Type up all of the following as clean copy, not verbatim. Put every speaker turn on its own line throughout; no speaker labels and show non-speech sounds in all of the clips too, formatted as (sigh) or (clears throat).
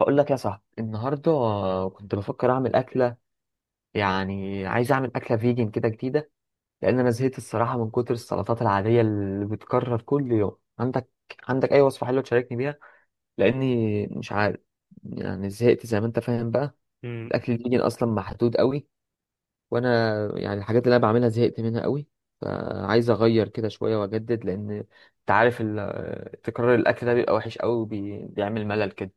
بقول لك يا صاحبي النهارده كنت بفكر اعمل اكله. يعني عايز اعمل اكله فيجن كده جديده، لان انا زهقت الصراحه من كتر السلطات العاديه اللي بتكرر كل يوم. عندك اي وصفه حلوه تشاركني بيها؟ لاني مش عارف، يعني زهقت زي ما انت فاهم بقى. الاكل الفيجن اصلا محدود قوي،
امم
وانا يعني الحاجات اللي انا بعملها زهقت منها قوي، فعايز اغير كده شويه واجدد. لان انت عارف تكرار الاكل ده بيبقى وحش قوي وبيعمل ملل كده.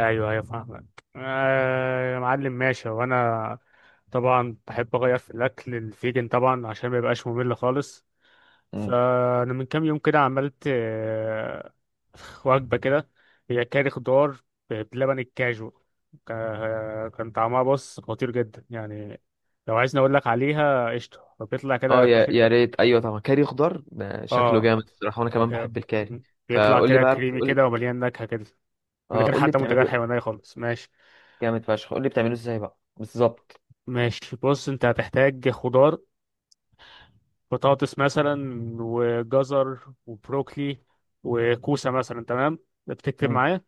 ايوه، ايوه، فاهمك. آه يا معلم، ماشي. وانا طبعا بحب اغير في الاكل الفيجن طبعا عشان ما يبقاش ممل خالص. فانا من كام يوم كده عملت وجبه كده، هي كاري خضار بلبن الكاجو. كان طعمها، بص، خطير جدا يعني. لو عايزني اقول لك عليها، قشطه، بيطلع
اه،
كده
يا يا ريت، ايوه طبعا، كاري خضار ده شكله
اه.
جامد الصراحه، وانا كمان
أوكي.
بحب الكاري.
بيطلع
فقول لي
كده
بقى،
كريمي
قول.
كده، ومليان نكهه كده، من
اه،
غير
قول لي
حتى منتجات
بتعمله،
حيوانيه خالص. ماشي.
جامد فشخ، قول لي بتعمله ازاي بقى بالظبط.
ماشي، بص، انت هتحتاج خضار، بطاطس مثلا، وجزر، وبروكلي، وكوسة مثلا. تمام، بتكتب
امم،
معايا؟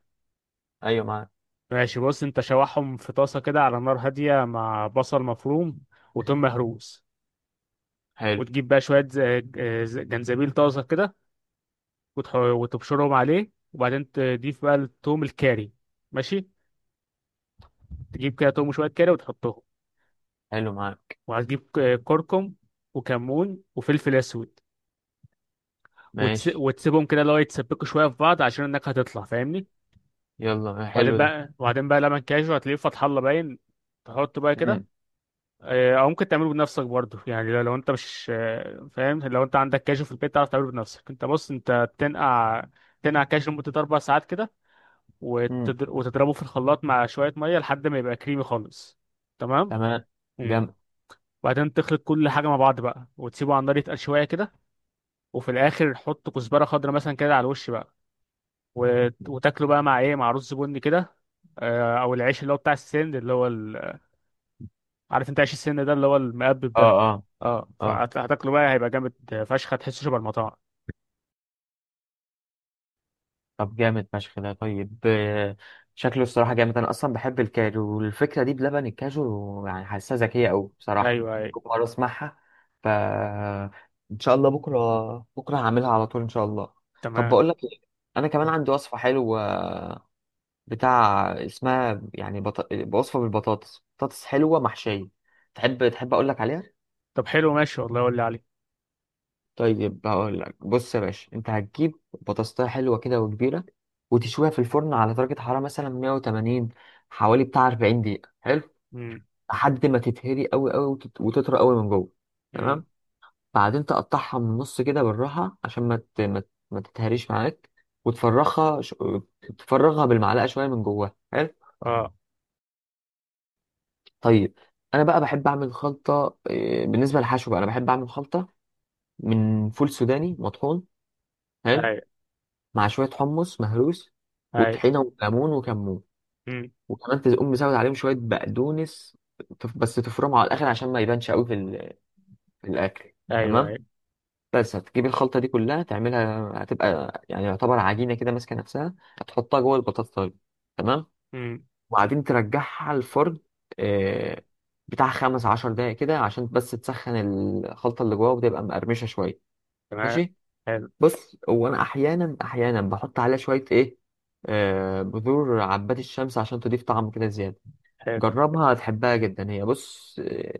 ايوه معاك.
ماشي، بص، انت شوحهم في طاسة كده على نار هادية مع بصل مفروم وتوم مهروس.
حلو،
وتجيب بقى شوية جنزبيل طازة كده، وتبشرهم عليه. وبعدين تضيف بقى التوم الكاري، ماشي؟ تجيب كده توم وشوية كاري وتحطهم.
حلو معاك.
وهتجيب كركم وكمون وفلفل اسود،
ماشي،
وتسيبهم كده، اللي هو يتسبكوا شويه في بعض عشان النكهه تطلع، فاهمني؟
يلا
وبعدين
حلو ده.
بقى، وبعدين بقى لما كاجو هتلاقيه فتح الله باين، تحطه بقى كده.
امم،
او ممكن تعمله بنفسك برضه يعني. لو انت مش فاهم، لو انت عندك كاجو في البيت تعرف تعمله بنفسك. انت بص، انت تنقع، تنقع كاجو لمده 4 ساعات كده،
امم،
وتضربه في الخلاط مع شويه ميه لحد ما يبقى كريمي خالص. تمام.
تمام،
مم.
جامد،
وبعدين تخلط كل حاجه مع بعض بقى، وتسيبه على النار يتقل شويه كده. وفي الاخر حط كزبره خضراء مثلا كده على الوش بقى. وتاكله بقى مع ايه؟ مع رز بني كده. او العيش اللي هو بتاع السند، اللي هو عارف انت عيش السند ده، اللي هو المقبب ده؟ اه. فهتاكله
اه،
بقى، هيبقى
اه،
جامد فشخ،
اه.
هتحسه شبه المطاعم.
طب جامد فشخ ده، طيب. شكله الصراحة جامد، أنا أصلا بحب الكاجو، والفكرة دي بلبن الكاجو
ايوه،
يعني
ايوه،
حاسسها ذكية أوي بصراحة. كنت مرة أسمعها. ف إن شاء الله بكرة بكرة
تمام.
هعملها على طول إن شاء الله. طب بقول لك إيه، أنا كمان عندي وصفة حلوة، بتاع اسمها يعني وصفة بالبطاطس، بطاطس حلوة محشية.
طب حلو،
تحب
ماشي
أقول
والله،
لك
قول لي
عليها؟
عليه.
طيب، هقول لك. بص يا باشا، انت هتجيب بطاطساية حلوه كده وكبيره، وتشويها في الفرن على درجه حراره مثلا 180، حوالي بتاع 40 دقيقه. حلو.
امم
لحد ما تتهري قوي قوي وتطرى قوي من جوه.
امم
تمام. بعدين تقطعها من النص كده بالراحه، عشان ما تتهريش معاك. وتفرغها ش... تفرغها بالمعلقه شويه من جواها.
اه،
حلو. طيب، انا بقى بحب اعمل خلطه. اه، بالنسبه للحشو بقى، انا بحب اعمل خلطه من فول سوداني
ايوه،
مطحون. حلو. مع شوية
ايوه.
حمص مهروس، وطحينة
امم
وليمون وكمون. وكمان تقوم مزود عليهم شوية بقدونس. بس تفرمه على الآخر عشان ما يبانش قوي في،
ايوه، ايوه.
في الأكل. تمام. بس هتجيب الخلطة دي كلها تعملها، هتبقى يعني يعتبر عجينة كده ماسكة نفسها، هتحطها جوه البطاطس.
امم
طيب، تمام. وبعدين ترجعها على الفرن، آه، بتاع 15 دقايق كده، عشان بس تسخن الخلطة اللي جواها وتبقى
تمام.
مقرمشة شوية.
حلو.
ماشي. بص هو انا احيانا احيانا بحط عليها شويه ايه، بذور عباد الشمس عشان تضيف
حلو،
طعم كده زياده. جربها هتحبها جدا. هي بص، آه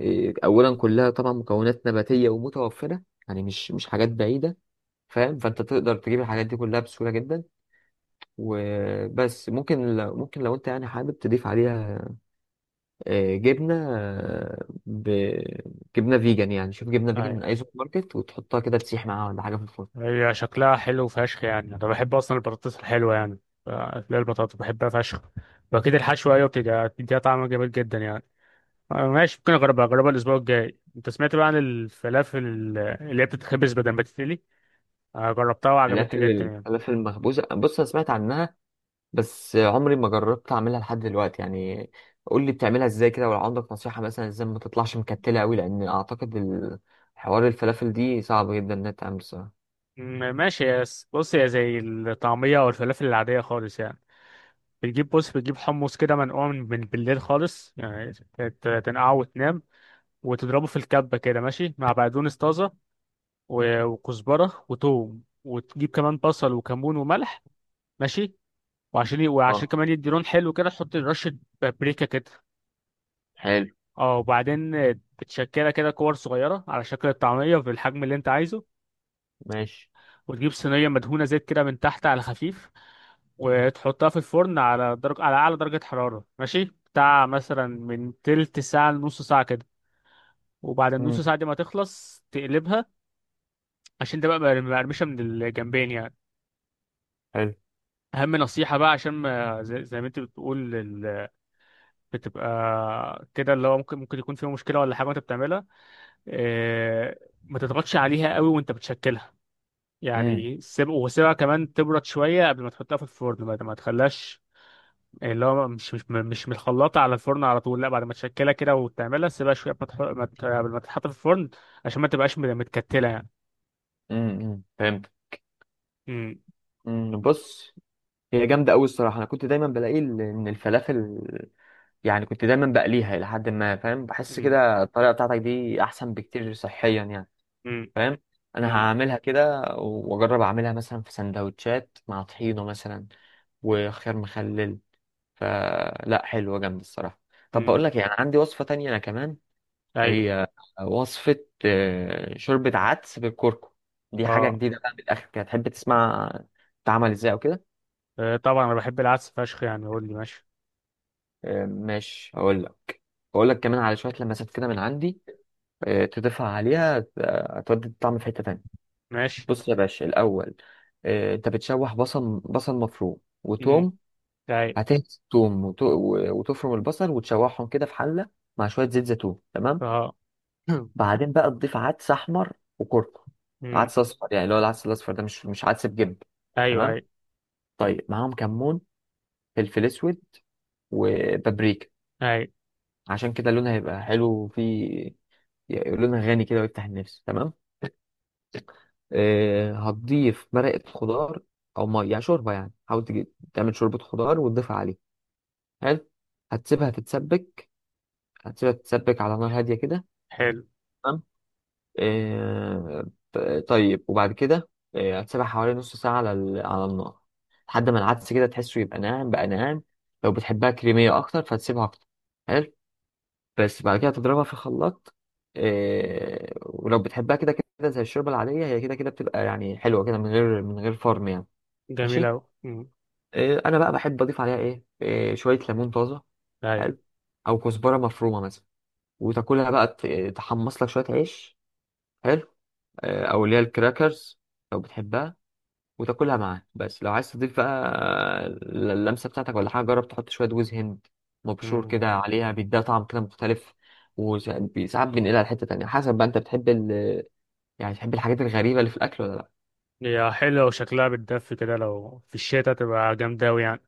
آه، اولا كلها طبعا مكونات نباتيه ومتوفره، يعني مش حاجات بعيده، فاهم. فانت تقدر تجيب الحاجات دي كلها بسهوله جدا. وبس ممكن، لو لو انت يعني حابب تضيف عليها جبنه، جبنه فيجن، يعني شوف جبنه فيجن
ايوه.
من اي سوبر ماركت وتحطها كده تسيح معاها ولا حاجه في الفرن.
هي شكلها حلو فشخ يعني، انا بحب اصلا البطاطس الحلوه يعني، اللي هي البطاطس بحبها فشخ. واكيد الحشوه، ايوه، بتديها طعم جميل جدا يعني. ماشي، ممكن اجربها الاسبوع الجاي. انت سمعت بقى عن الفلافل اللي هي بتتخبز بدل ما تتقلي؟ جربتها
فلافل،
وعجبتني جدا يعني.
الفلافل المخبوزة، بص أنا سمعت عنها، بس عمري ما جربت أعملها لحد دلوقتي يعني. قول لي بتعملها إزاي كده، ولو عندك نصيحة مثلا إزاي ما تطلعش مكتلة أوي، لأن أعتقد حوار الفلافل دي صعب جدا إنها تتعمل الصراحة.
ماشي، بص، هي زي الطعمية او الفلافل العادية خالص يعني. بتجيب، بص، بتجيب حمص كده منقوع من من بالليل خالص يعني. تنقعه وتنام، وتضربه في الكبة كده، ماشي، مع بقدونس طازة، وكزبرة وتوم. وتجيب كمان بصل وكمون وملح، ماشي. وعشان وعشان
اه،
كمان يدي لون حلو كده، تحط رشة بابريكا كده.
حلو،
اه. وبعدين بتشكلها كده كور صغيرة على شكل الطعمية في الحجم اللي انت عايزه.
ماشي.
وتجيب صينية مدهونة زيت كده من تحت على خفيف، وتحطها في الفرن على درجة، على أعلى درجة حرارة، ماشي، بتاع مثلا من تلت ساعة لنص ساعة كده. وبعد النص
امم.
ساعة دي ما تخلص، تقلبها عشان تبقى مقرمشة من الجنبين يعني.
حلو.
أهم نصيحة بقى، عشان ما، زي ما انت بتقول، بتبقى كده، اللي هو ممكن يكون فيها مشكلة ولا حاجة وانت بتعملها، ما تضغطش عليها قوي وانت بتشكلها.
امم.
يعني وسيبها كمان تبرد شوية قبل ما تحطها في الفرن، بعد ما تخليهاش. اللي هو مش متخلطة على الفرن على طول، لا، بعد ما تشكلها كده وتعملها، سيبها شوية قبل ما تح- ما ت- قبل ما تتحط في الفرن، عشان ما تبقاش متكتلة يعني.
امم، فهمت.
مم.
امم، بص، هي جامدة أوي الصراحة. أنا كنت دايما بلاقي إن الفلافل، يعني كنت دايما بقليها إلى حد ما، فاهم، بحس
مم.
كده الطريقة بتاعتك دي أحسن بكتير صحيا يعني.
مم.
فاهم، انا
مم.
هعملها كده واجرب اعملها مثلا في سندوتشات مع طحينه مثلا، وخيار مخلل. فلا حلوه جامده الصراحه. طب بقول
مم.
لك، يعني عندي وصفه تانية انا كمان.
أيوه.
هي وصفه شوربه عدس بالكركم. دي حاجه
أه.
جديده بقى من الاخر كده، تحب تسمع تعمل ازاي او كده؟
طبعا أنا بحب العدس فشخ يعني، قول لي، ماشي.
ماشي، هقول لك. هقول لك كمان على شويه لمسات كده من عندي، تضيفها عليها، هتودي الطعم في حته تانية.
ماشي.
بص يا باشا الاول، انت بتشوح بصل، مفروم
مم.
وتوم.
أيوه.
هتهرس توم، وتفرم البصل وتشوحهم كده في حله مع شويه زيت زيتون. تمام.
أه. (clears throat)
بعدين بقى تضيف عدس احمر وكركم،
مم.
عدس اصفر، يعني اللي هو العدس الاصفر ده مش عدس بجنب.
أيوه،
تمام.
أيوه،
طيب معاهم كمون، فلفل اسود، وبابريكا،
أيوه.
عشان كده لونها هيبقى حلو، وفي لونها غني كده، ويفتح النفس. تمام. هتضيف مرقة خضار، أو مية يعني شوربة، يعني حاول تعمل شوربة خضار وتضيفها عليه. حلو. هتسيبها تتسبك، هتسيبها تتسبك على نار هادية كده.
حلو.
تمام. آه، ط- طيب، وبعد كده هتسيبها حوالي نص ساعة على على النار، لحد ما العدس كده تحسه يبقى ناعم، بقى ناعم. لو بتحبها كريمية أكتر فتسيبها أكتر. حلو. بس بعد كده تضربها في خلاط. ولو بتحبها كده كده زي الشوربة العادية، هي كده كده بتبقى يعني حلوة كده من غير فرم يعني.
جميل
ماشي.
أوي. مم.
انا بقى بحب اضيف عليها ايه, إيه شويه ليمون طازه.
أيوه.
حلو. او كزبره مفرومه مثلا، وتاكلها بقى، تحمص لك شويه عيش. حلو. او اللي هي الكراكرز لو بتحبها، وتاكلها معاه. بس لو عايز تضيف بقى اللمسه بتاعتك ولا حاجه، جرب تحط شويه جوز هند مبشور
مم.
كده عليها، بيديها طعم كده مختلف. وساعات بينقلها لحته تانية، حسب بقى انت بتحب يعني بتحب الحاجات الغريبه اللي في الاكل ولا لا.
هي حلوة وشكلها بتدفي كده، لو في الشتاء تبقى جامدة أوي يعني.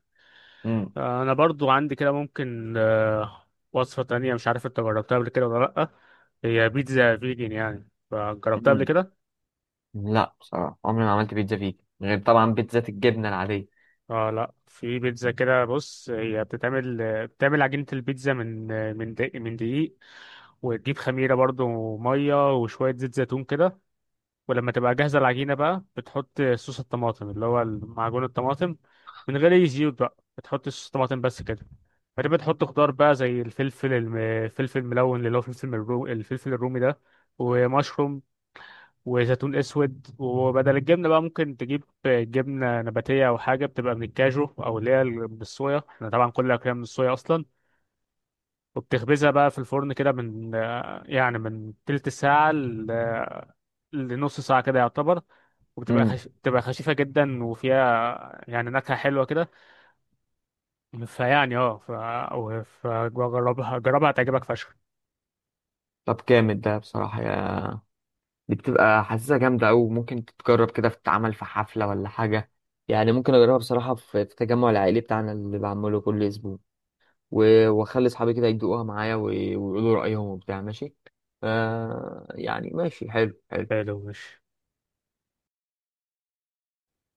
امم.
أنا برضو عندي كده ممكن وصفة تانية، مش عارف أنت جربتها قبل كده ولا لأ. هي بيتزا فيجن، يعني جربتها قبل كده؟
لا بصراحه عمري ما عملت بيتزا فيجن، غير طبعا بيتزا الجبنه العاديه.
اه، لا، في بيتزا كده، بص، هي بتتعمل بتعمل عجينة البيتزا من من دقيق، وتجيب خميرة برضو ومية وشوية زيت زيتون كده. ولما تبقى جاهزة العجينة بقى، بتحط صوص الطماطم، اللي هو معجون الطماطم، من غير أي زيوت بقى. بتحط صوص الطماطم بس كده. بعدين بتحط خضار بقى زي الفلفل الفلفل الملون، اللي هو الفلفل الفلفل الرومي ده، ومشروم وزيتون اسود. وبدل الجبنه بقى، ممكن تجيب جبنه نباتيه او حاجه بتبقى من الكاجو، او اللي هي بالصويا. احنا طبعا كل الاكلام من الصويا اصلا. وبتخبزها بقى في الفرن كده من، يعني من تلت ساعه لنص ساعه كده يعتبر. وبتبقى
مم.
بتبقى خفيفة جدا، وفيها يعني نكهة حلوة كده. فيعني اه فجربها، جربها، هتعجبك فشخ.
طب جامد ده بصراحة، يا، دي بتبقى حاسسها جامدة أوي، ممكن تتجرب كده في، اتعمل في حفلة ولا حاجة، يعني ممكن أجربها بصراحة في التجمع العائلي بتاعنا اللي بعمله كل أسبوع. وأخلي أصحابي كده يدوقوها معايا، ويقولوا رأيهم وبتاع. ماشي، آه، يعني ماشي، حلو حلو.